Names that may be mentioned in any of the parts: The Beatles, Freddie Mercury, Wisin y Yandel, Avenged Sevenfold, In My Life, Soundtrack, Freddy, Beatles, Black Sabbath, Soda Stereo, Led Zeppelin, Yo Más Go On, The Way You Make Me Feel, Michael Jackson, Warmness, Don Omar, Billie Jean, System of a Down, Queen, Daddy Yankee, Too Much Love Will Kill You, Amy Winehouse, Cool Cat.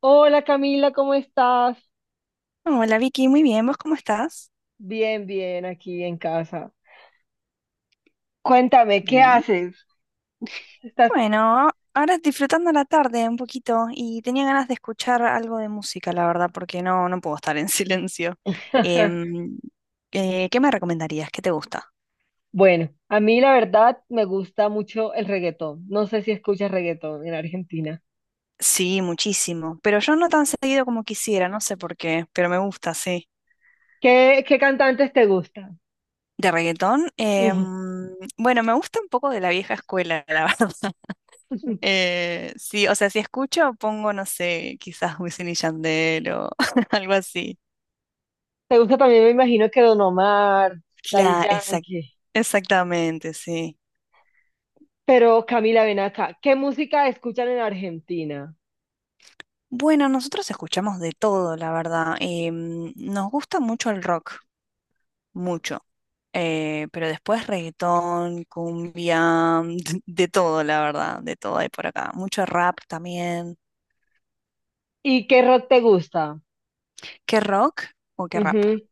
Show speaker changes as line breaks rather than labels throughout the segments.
Hola Camila, ¿cómo estás?
Hola Vicky, muy bien, ¿vos cómo estás?
Bien, bien, aquí en casa. Cuéntame, ¿qué
Bien.
haces? Estás...
Bueno, ahora disfrutando la tarde un poquito y tenía ganas de escuchar algo de música, la verdad, porque no puedo estar en silencio. Em, ¿Qué me recomendarías? ¿Qué te gusta?
Bueno, a mí la verdad me gusta mucho el reggaetón. No sé si escuchas reggaetón en Argentina.
Sí, muchísimo, pero yo no tan seguido como quisiera, no sé por qué, pero me gusta, sí.
¿Qué cantantes te gustan?
¿De reggaetón?
Ujú.
Bueno, me gusta un poco de la vieja escuela, la verdad. Sí, o sea, si escucho, pongo, no sé, quizás Wisin y Yandel o algo así.
Te gusta también, me imagino que Don Omar, Daddy
Claro,
Yankee.
exactamente, sí.
Pero Camila, ven acá. ¿Qué música escuchan en Argentina?
Bueno, nosotros escuchamos de todo, la verdad. Nos gusta mucho el rock, mucho. Pero después reggaetón, cumbia, de todo, la verdad, de todo hay por acá. Mucho rap también.
¿Y qué rock te gusta?
¿Qué rock o qué rap?
Ujú.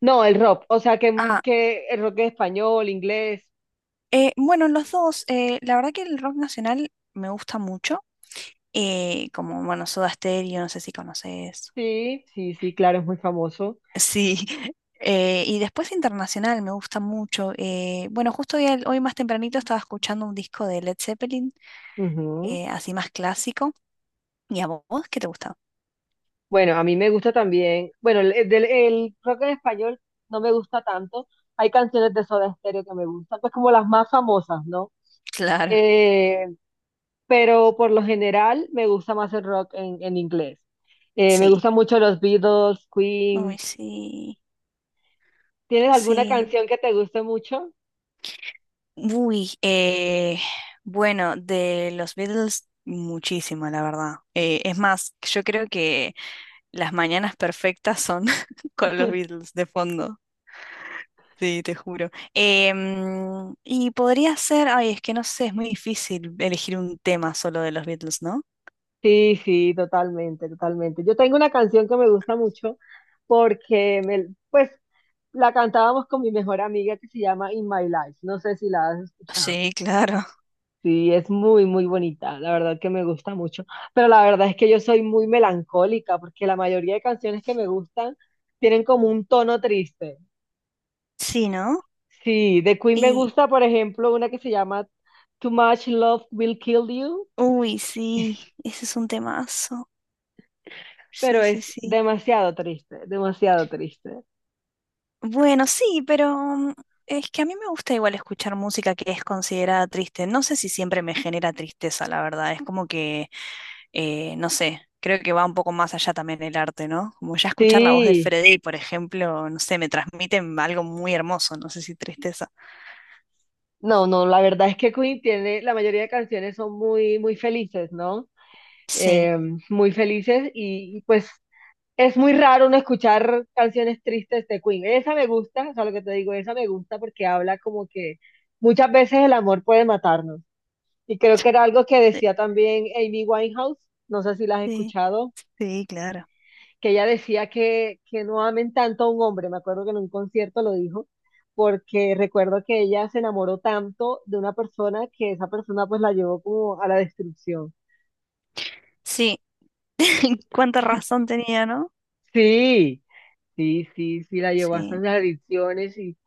No, el rock, o sea,
Ah,
que el rock es español, inglés.
bueno, los dos. La verdad que el rock nacional me gusta mucho. Como, bueno, Soda Stereo, no sé si conoces.
Sí, sí, sí, claro, es muy famoso.
Sí, y después internacional me gusta mucho. Bueno, justo hoy, hoy más tempranito estaba escuchando un disco de Led Zeppelin,
Ujú.
así más clásico. ¿Y a vos qué te gusta?
Bueno, a mí me gusta también, bueno, el rock en español no me gusta tanto. Hay canciones de Soda Stereo que me gustan, pues como las más famosas, ¿no?
Claro,
Eh, pero por lo general me gusta más el rock en inglés. Me gustan
sí.
mucho los Beatles,
Uy,
Queen.
sí,
¿Tienes alguna
sí.
canción que te guste mucho?
Uy, bueno, de los Beatles muchísimo, la verdad. Es más, yo creo que las mañanas perfectas son con los Beatles de fondo. Sí, te juro. Y podría ser, ay, es que no sé, es muy difícil elegir un tema solo de los Beatles, ¿no?
Sí, sí, totalmente, totalmente. Yo tengo una canción que me gusta mucho porque me, pues la cantábamos con mi mejor amiga, que se llama In My Life. No sé si la has escuchado.
Sí, claro.
Sí, es muy, muy bonita, la verdad que me gusta mucho, pero la verdad es que yo soy muy melancólica porque la mayoría de canciones que me gustan tienen como un tono triste.
Sí, ¿no?
Sí, de Queen me
Y,
gusta, por ejemplo, una que se llama Too Much Love Will Kill You,
uy, sí, ese es un temazo. Sí,
pero es
sí, sí.
demasiado triste, demasiado triste.
Bueno, sí, pero, es que a mí me gusta igual escuchar música que es considerada triste. No sé si siempre me genera tristeza, la verdad. Es como que no sé, creo que va un poco más allá también el arte, ¿no? Como ya escuchar la voz de
Sí,
Freddy, por ejemplo, no sé, me transmiten algo muy hermoso, no sé si tristeza.
no, no, la verdad es que Queen tiene, la mayoría de canciones son muy, muy felices, ¿no?
Sí,
eh, muy felices y, pues es muy raro no escuchar canciones tristes de Queen. Esa me gusta, o sea, lo que te digo, esa me gusta porque habla como que muchas veces el amor puede matarnos. Y creo que era algo que
eh,
decía también Amy Winehouse, no sé si la has
sí,
escuchado,
sí, claro.
que ella decía que no amen tanto a un hombre. Me acuerdo que en un concierto lo dijo, porque recuerdo que ella se enamoró tanto de una persona que esa persona pues la llevó como a la destrucción.
Sí, cuánta razón tenía, ¿no?
Sí, sí, sí, sí, la llevó hasta
Sí,
las adicciones y,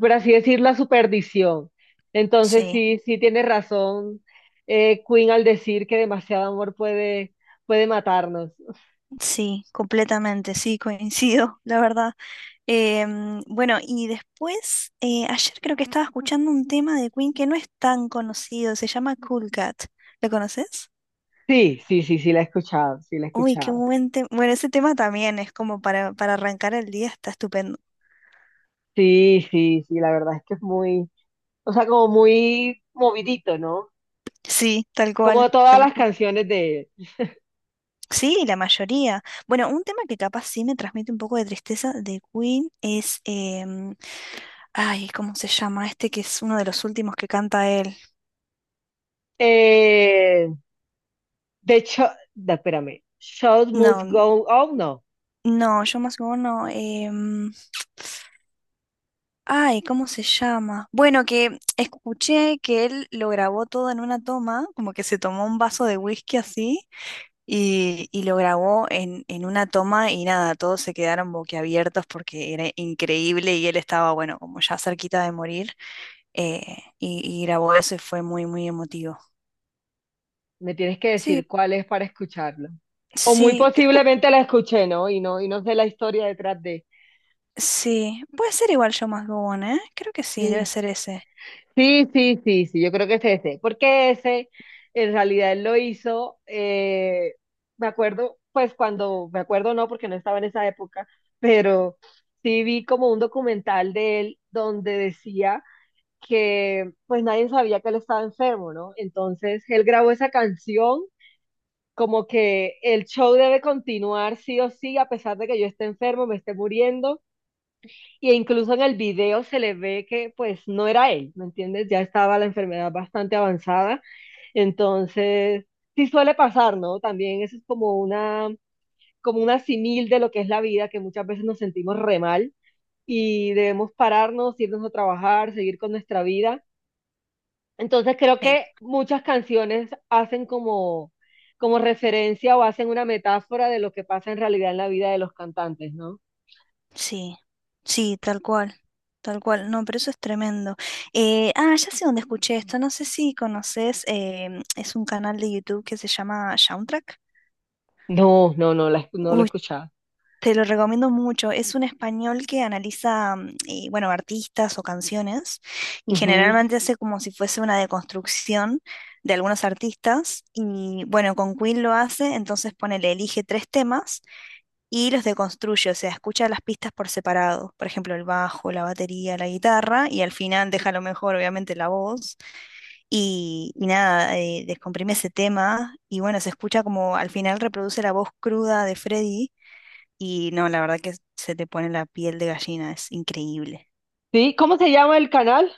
por así decir, la superdición. Entonces,
sí.
sí, sí tiene razón Queen al decir que demasiado amor puede, puede matarnos.
Sí, completamente, sí, coincido, la verdad. Bueno, y después, ayer creo que estaba escuchando un tema de Queen que no es tan conocido, se llama Cool Cat. ¿Lo conoces?
Sí, sí, sí, sí, la he escuchado, sí, la he
Uy, qué
escuchado.
buen tema. Bueno, ese tema también es como para arrancar el día, está estupendo.
Sí, sí, sí, la verdad es que es muy, o sea, como muy movidito, ¿no?
Sí, tal cual,
Como todas
tal
las
cual.
canciones de él.
Sí, la mayoría. Bueno, un tema que capaz sí me transmite un poco de tristeza de Queen es, ay, ¿cómo se llama? Este que es uno de los últimos que canta él.
Eh, de hecho, da- espérame, Shows Must
No,
Go On, no.
no, yo más como no. Ay, ¿cómo se llama? Bueno, que escuché que él lo grabó todo en una toma, como que se tomó un vaso de whisky así. Y lo grabó en una toma y nada, todos se quedaron boquiabiertos porque era increíble y él estaba, bueno, como ya cerquita de morir, y grabó eso y fue muy, muy emotivo.
Me tienes que
Sí,
decir cuál es para escucharlo. O muy
sí, creo que
posiblemente la escuché, ¿no? Y no, y no sé la historia detrás de.
sí, puede ser igual Yo Más Go On, ¿eh? Creo que sí, debe
Sí,
ser ese.
sí, sí, sí, sí, yo creo que es ese. Porque ese, en realidad, él lo hizo. Me acuerdo, pues cuando, me acuerdo no, porque no estaba en esa época, pero sí vi como un documental de él donde decía que pues nadie sabía que él estaba enfermo, ¿no? Entonces él grabó esa canción como que el show debe continuar sí o sí, a pesar de que yo esté enfermo, me esté muriendo, y incluso en el video se le ve que pues no era él, ¿me entiendes? Ya estaba la enfermedad bastante avanzada, entonces sí suele pasar, ¿no? También eso es como una simil de lo que es la vida, que muchas veces nos sentimos re mal y debemos pararnos, irnos a trabajar, seguir con nuestra vida. Entonces creo
Sí.
que muchas canciones hacen como, como referencia o hacen una metáfora de lo que pasa en realidad en la vida de los cantantes, ¿no?
Sí, sí, tal cual, tal cual. No, pero eso es tremendo. Ya sé dónde escuché esto. No sé si conoces, es un canal de YouTube que se llama Soundtrack.
No, no, no, la, escu- no lo he
Uy,
escuchado.
te lo recomiendo mucho. Es un español que analiza, bueno, artistas o canciones y
Ujú.
generalmente hace como si fuese una deconstrucción de algunos artistas. Y bueno, con Queen lo hace, entonces ponele, elige tres temas y los deconstruye, o sea, escucha las pistas por separado, por ejemplo, el bajo, la batería, la guitarra, y al final deja lo mejor, obviamente, la voz, y nada, descomprime ese tema, y bueno, se escucha como al final reproduce la voz cruda de Freddy, y no, la verdad que se te pone la piel de gallina, es increíble.
Sí, ¿cómo se llama el canal?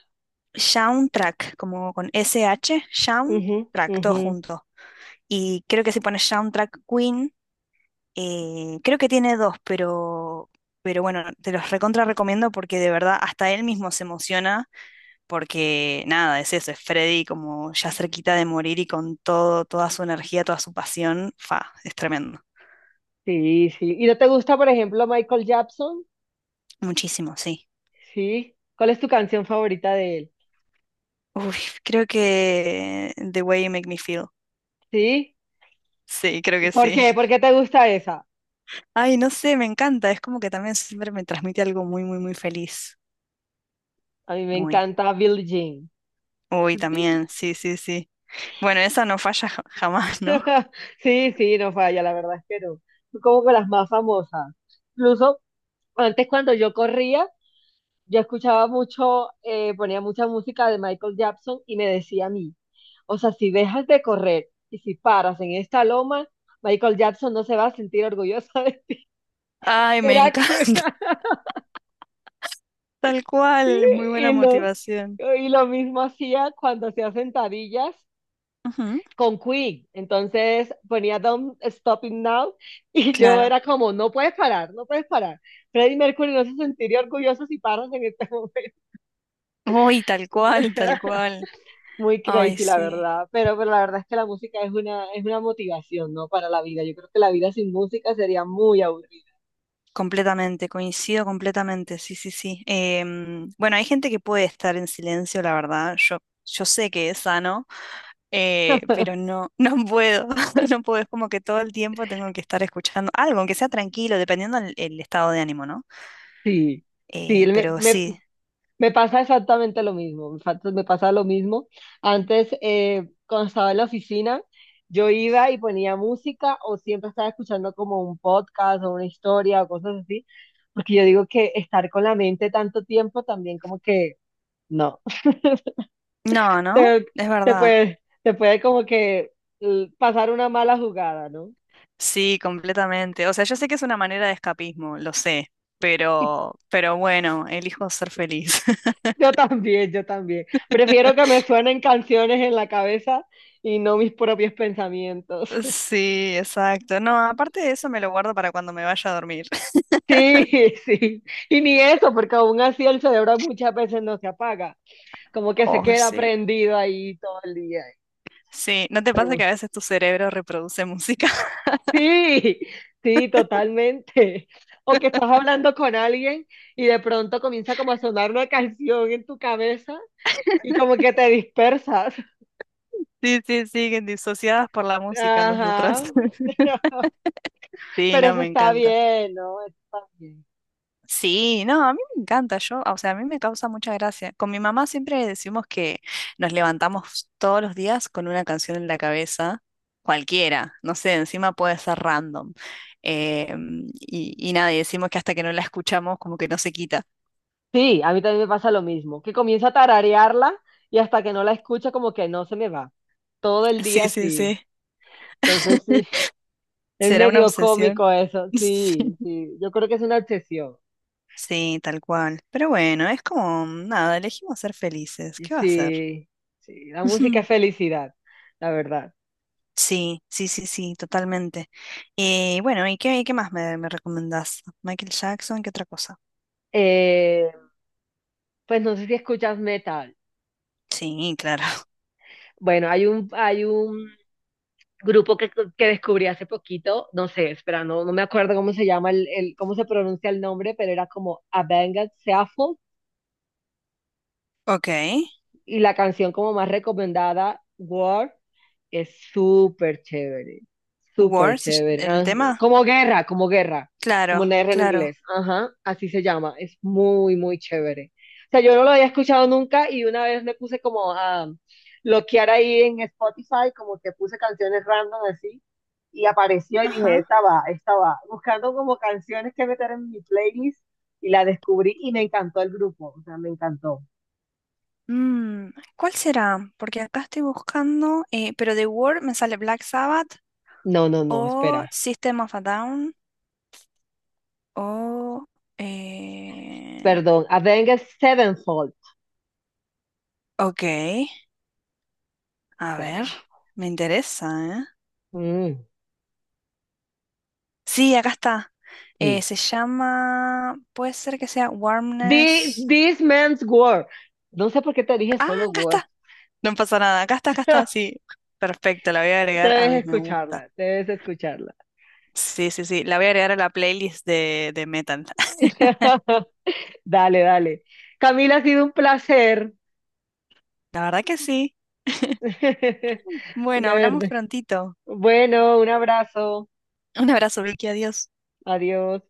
Soundtrack, como con SH,
Ujú,
Soundtrack, todo
ujú.
junto. Y creo que si pones Soundtrack Queen, creo que tiene dos, pero bueno, te los recontra recomiendo porque de verdad hasta él mismo se emociona porque nada, es eso, es Freddy como ya cerquita de morir y con todo, toda su energía, toda su pasión, fa, es tremendo.
Sí, sí. ¿Y no te gusta, por ejemplo, Michael Jackson?
Muchísimo, sí.
Sí. ¿Cuál es tu canción favorita de él?
Uy, creo que The Way You Make Me Feel.
Sí.
Sí, creo que
¿Por
sí.
qué? ¿Por qué te gusta esa?
Ay, no sé, me encanta. Es como que también siempre me transmite algo muy, muy, muy feliz.
A mí me
Muy.
encanta Billie Jean.
Uy, también, sí, sí, sí. Bueno, esa no falla jamás, ¿no?
Sí, sí, no falla, la verdad es que no. Como que las más famosas. Incluso antes cuando yo corría, yo escuchaba mucho, ponía mucha música de Michael Jackson y me decía a mí, o sea, si dejas de correr y si paras en esta loma, Michael Jackson no se va a sentir orgulloso de ti".
Ay, me
Era como-
encanta. Tal cual, muy buena
y lo,
motivación.
y lo mismo hacía cuando hacía sentadillas
Ujú,
con Queen. Entonces ponía Don't Stop It Now y yo
claro.
era como, no puedes parar, no puedes parar. Freddie Mercury no se sentiría orgulloso si paras en este momento.
Uy, tal cual, tal cual.
Muy
Ay,
crazy, la
sí.
verdad. Pero la verdad es que la música es una motivación, ¿no? Para la vida. Yo creo que la vida sin música sería muy aburrida.
Completamente, coincido completamente, sí, sí, sí. Bueno, hay gente que puede estar en silencio, la verdad. Yo sé que es sano, pero no, no puedo. No puedo. Es como que todo el tiempo tengo que estar escuchando algo, aunque sea tranquilo, dependiendo del el estado de ánimo, ¿no?
Sí, sí, me,
Pero
me
sí.
me pasa exactamente lo mismo, me fa- me pasa lo mismo. Antes, cuando estaba en la oficina, yo iba y ponía música o siempre estaba escuchando como un podcast o una historia o cosas así, porque yo digo que estar con la mente tanto tiempo también como que no,
No, ¿no?
te,
Es verdad.
te puede como que pasar una mala jugada, ¿no?
Sí, completamente. O sea, yo sé que es una manera de escapismo, lo sé, pero bueno, elijo ser feliz.
Yo también, yo también. Prefiero que me suenen canciones en la cabeza y no mis propios pensamientos.
Sí, exacto. No, aparte de eso me lo guardo para cuando me vaya a dormir.
Sí, sí. Y ni eso, porque aún así el cerebro muchas veces no se apaga, como que se
Oh,
queda
sí.
prendido ahí todo el día.
Sí, ¿no te pasa
Pero
que a veces tu cerebro reproduce música?
sí, sí, totalmente. O que estás hablando con alguien y de pronto comienza como a sonar una canción en tu cabeza y como que te dispersas.
Sí, sí, sí, que disociadas por la música
Ajá.
nosotras. Sí,
Pero
no,
eso
me
está
encanta.
bien, ¿no? Eso está bien.
Sí, no, a mí me encanta, yo, o sea, a mí me causa mucha gracia. Con mi mamá siempre decimos que nos levantamos todos los días con una canción en la cabeza, cualquiera, no sé, encima puede ser random. Eh, y nada, y decimos que hasta que no la escuchamos como que no se quita.
Sí, a mí también me pasa lo mismo, que comienza a tararearla y hasta que no la escucha como que no se me va. Todo el
Sí,
día
sí,
así.
sí.
Entonces, sí, es
¿Será una
medio
obsesión?
cómico eso. Sí,
Sí.
sí, yo creo que es una obsesión.
Sí, tal cual. Pero bueno, es como, nada, elegimos ser felices.
Y
¿Qué va a ser?
sí, sí, la música es felicidad, la verdad.
Sí, sí, sí, sí, totalmente. Y bueno, ¿y qué, qué más me, me recomendás? Michael Jackson, ¿qué otra cosa?
Eh, pues no sé si escuchas metal.
Sí, claro.
Bueno, hay un grupo que descubrí hace poquito, no sé, espera, no, no me acuerdo cómo se llama, el- cómo se pronuncia el nombre, pero era como Avenged Sevenfold.
Ok.
Y la canción como más recomendada, War, es súper chévere, súper
War,
chévere,
el
¿no?
tema.
Como guerra, como guerra, como
Claro,
una guerra en
claro.
inglés. Ajá, así se llama. Es muy, muy chévere. O sea, yo no lo había escuchado nunca y una vez me puse como a bloquear ahí en Spotify, como que puse canciones random así y apareció y dije,
Ajá.
esta va, esta va. Buscando como canciones que meter en mi playlist y la descubrí y me encantó el grupo, o sea, me encantó.
Mm, ¿cuál será? Porque acá estoy buscando, pero de War me sale Black Sabbath
No, no, no,
o
espera.
System of a Down o... eh,
Perdón, Avenged Sevenfold.
ok, a ver,
Seven.
me interesa, ¿eh?
Mm,
Sí, acá está.
sí.
Se llama, puede ser que sea
The,
Warmness.
this Man's War. No sé por qué te dije
Ah,
solo
acá
War.
está. No pasa nada. Acá está, acá está. Sí, perfecto. La voy a agregar a
Debes
mis me gusta.
escucharla, debes escucharla.
Sí, sí, sí. La voy a agregar a la playlist de metal.
Dale, dale. Camila, ha sido un placer.
La verdad que sí. Bueno,
Una
hablamos
verde.
prontito.
Bueno, un abrazo.
Un abrazo, Vicky. Adiós.
Adiós.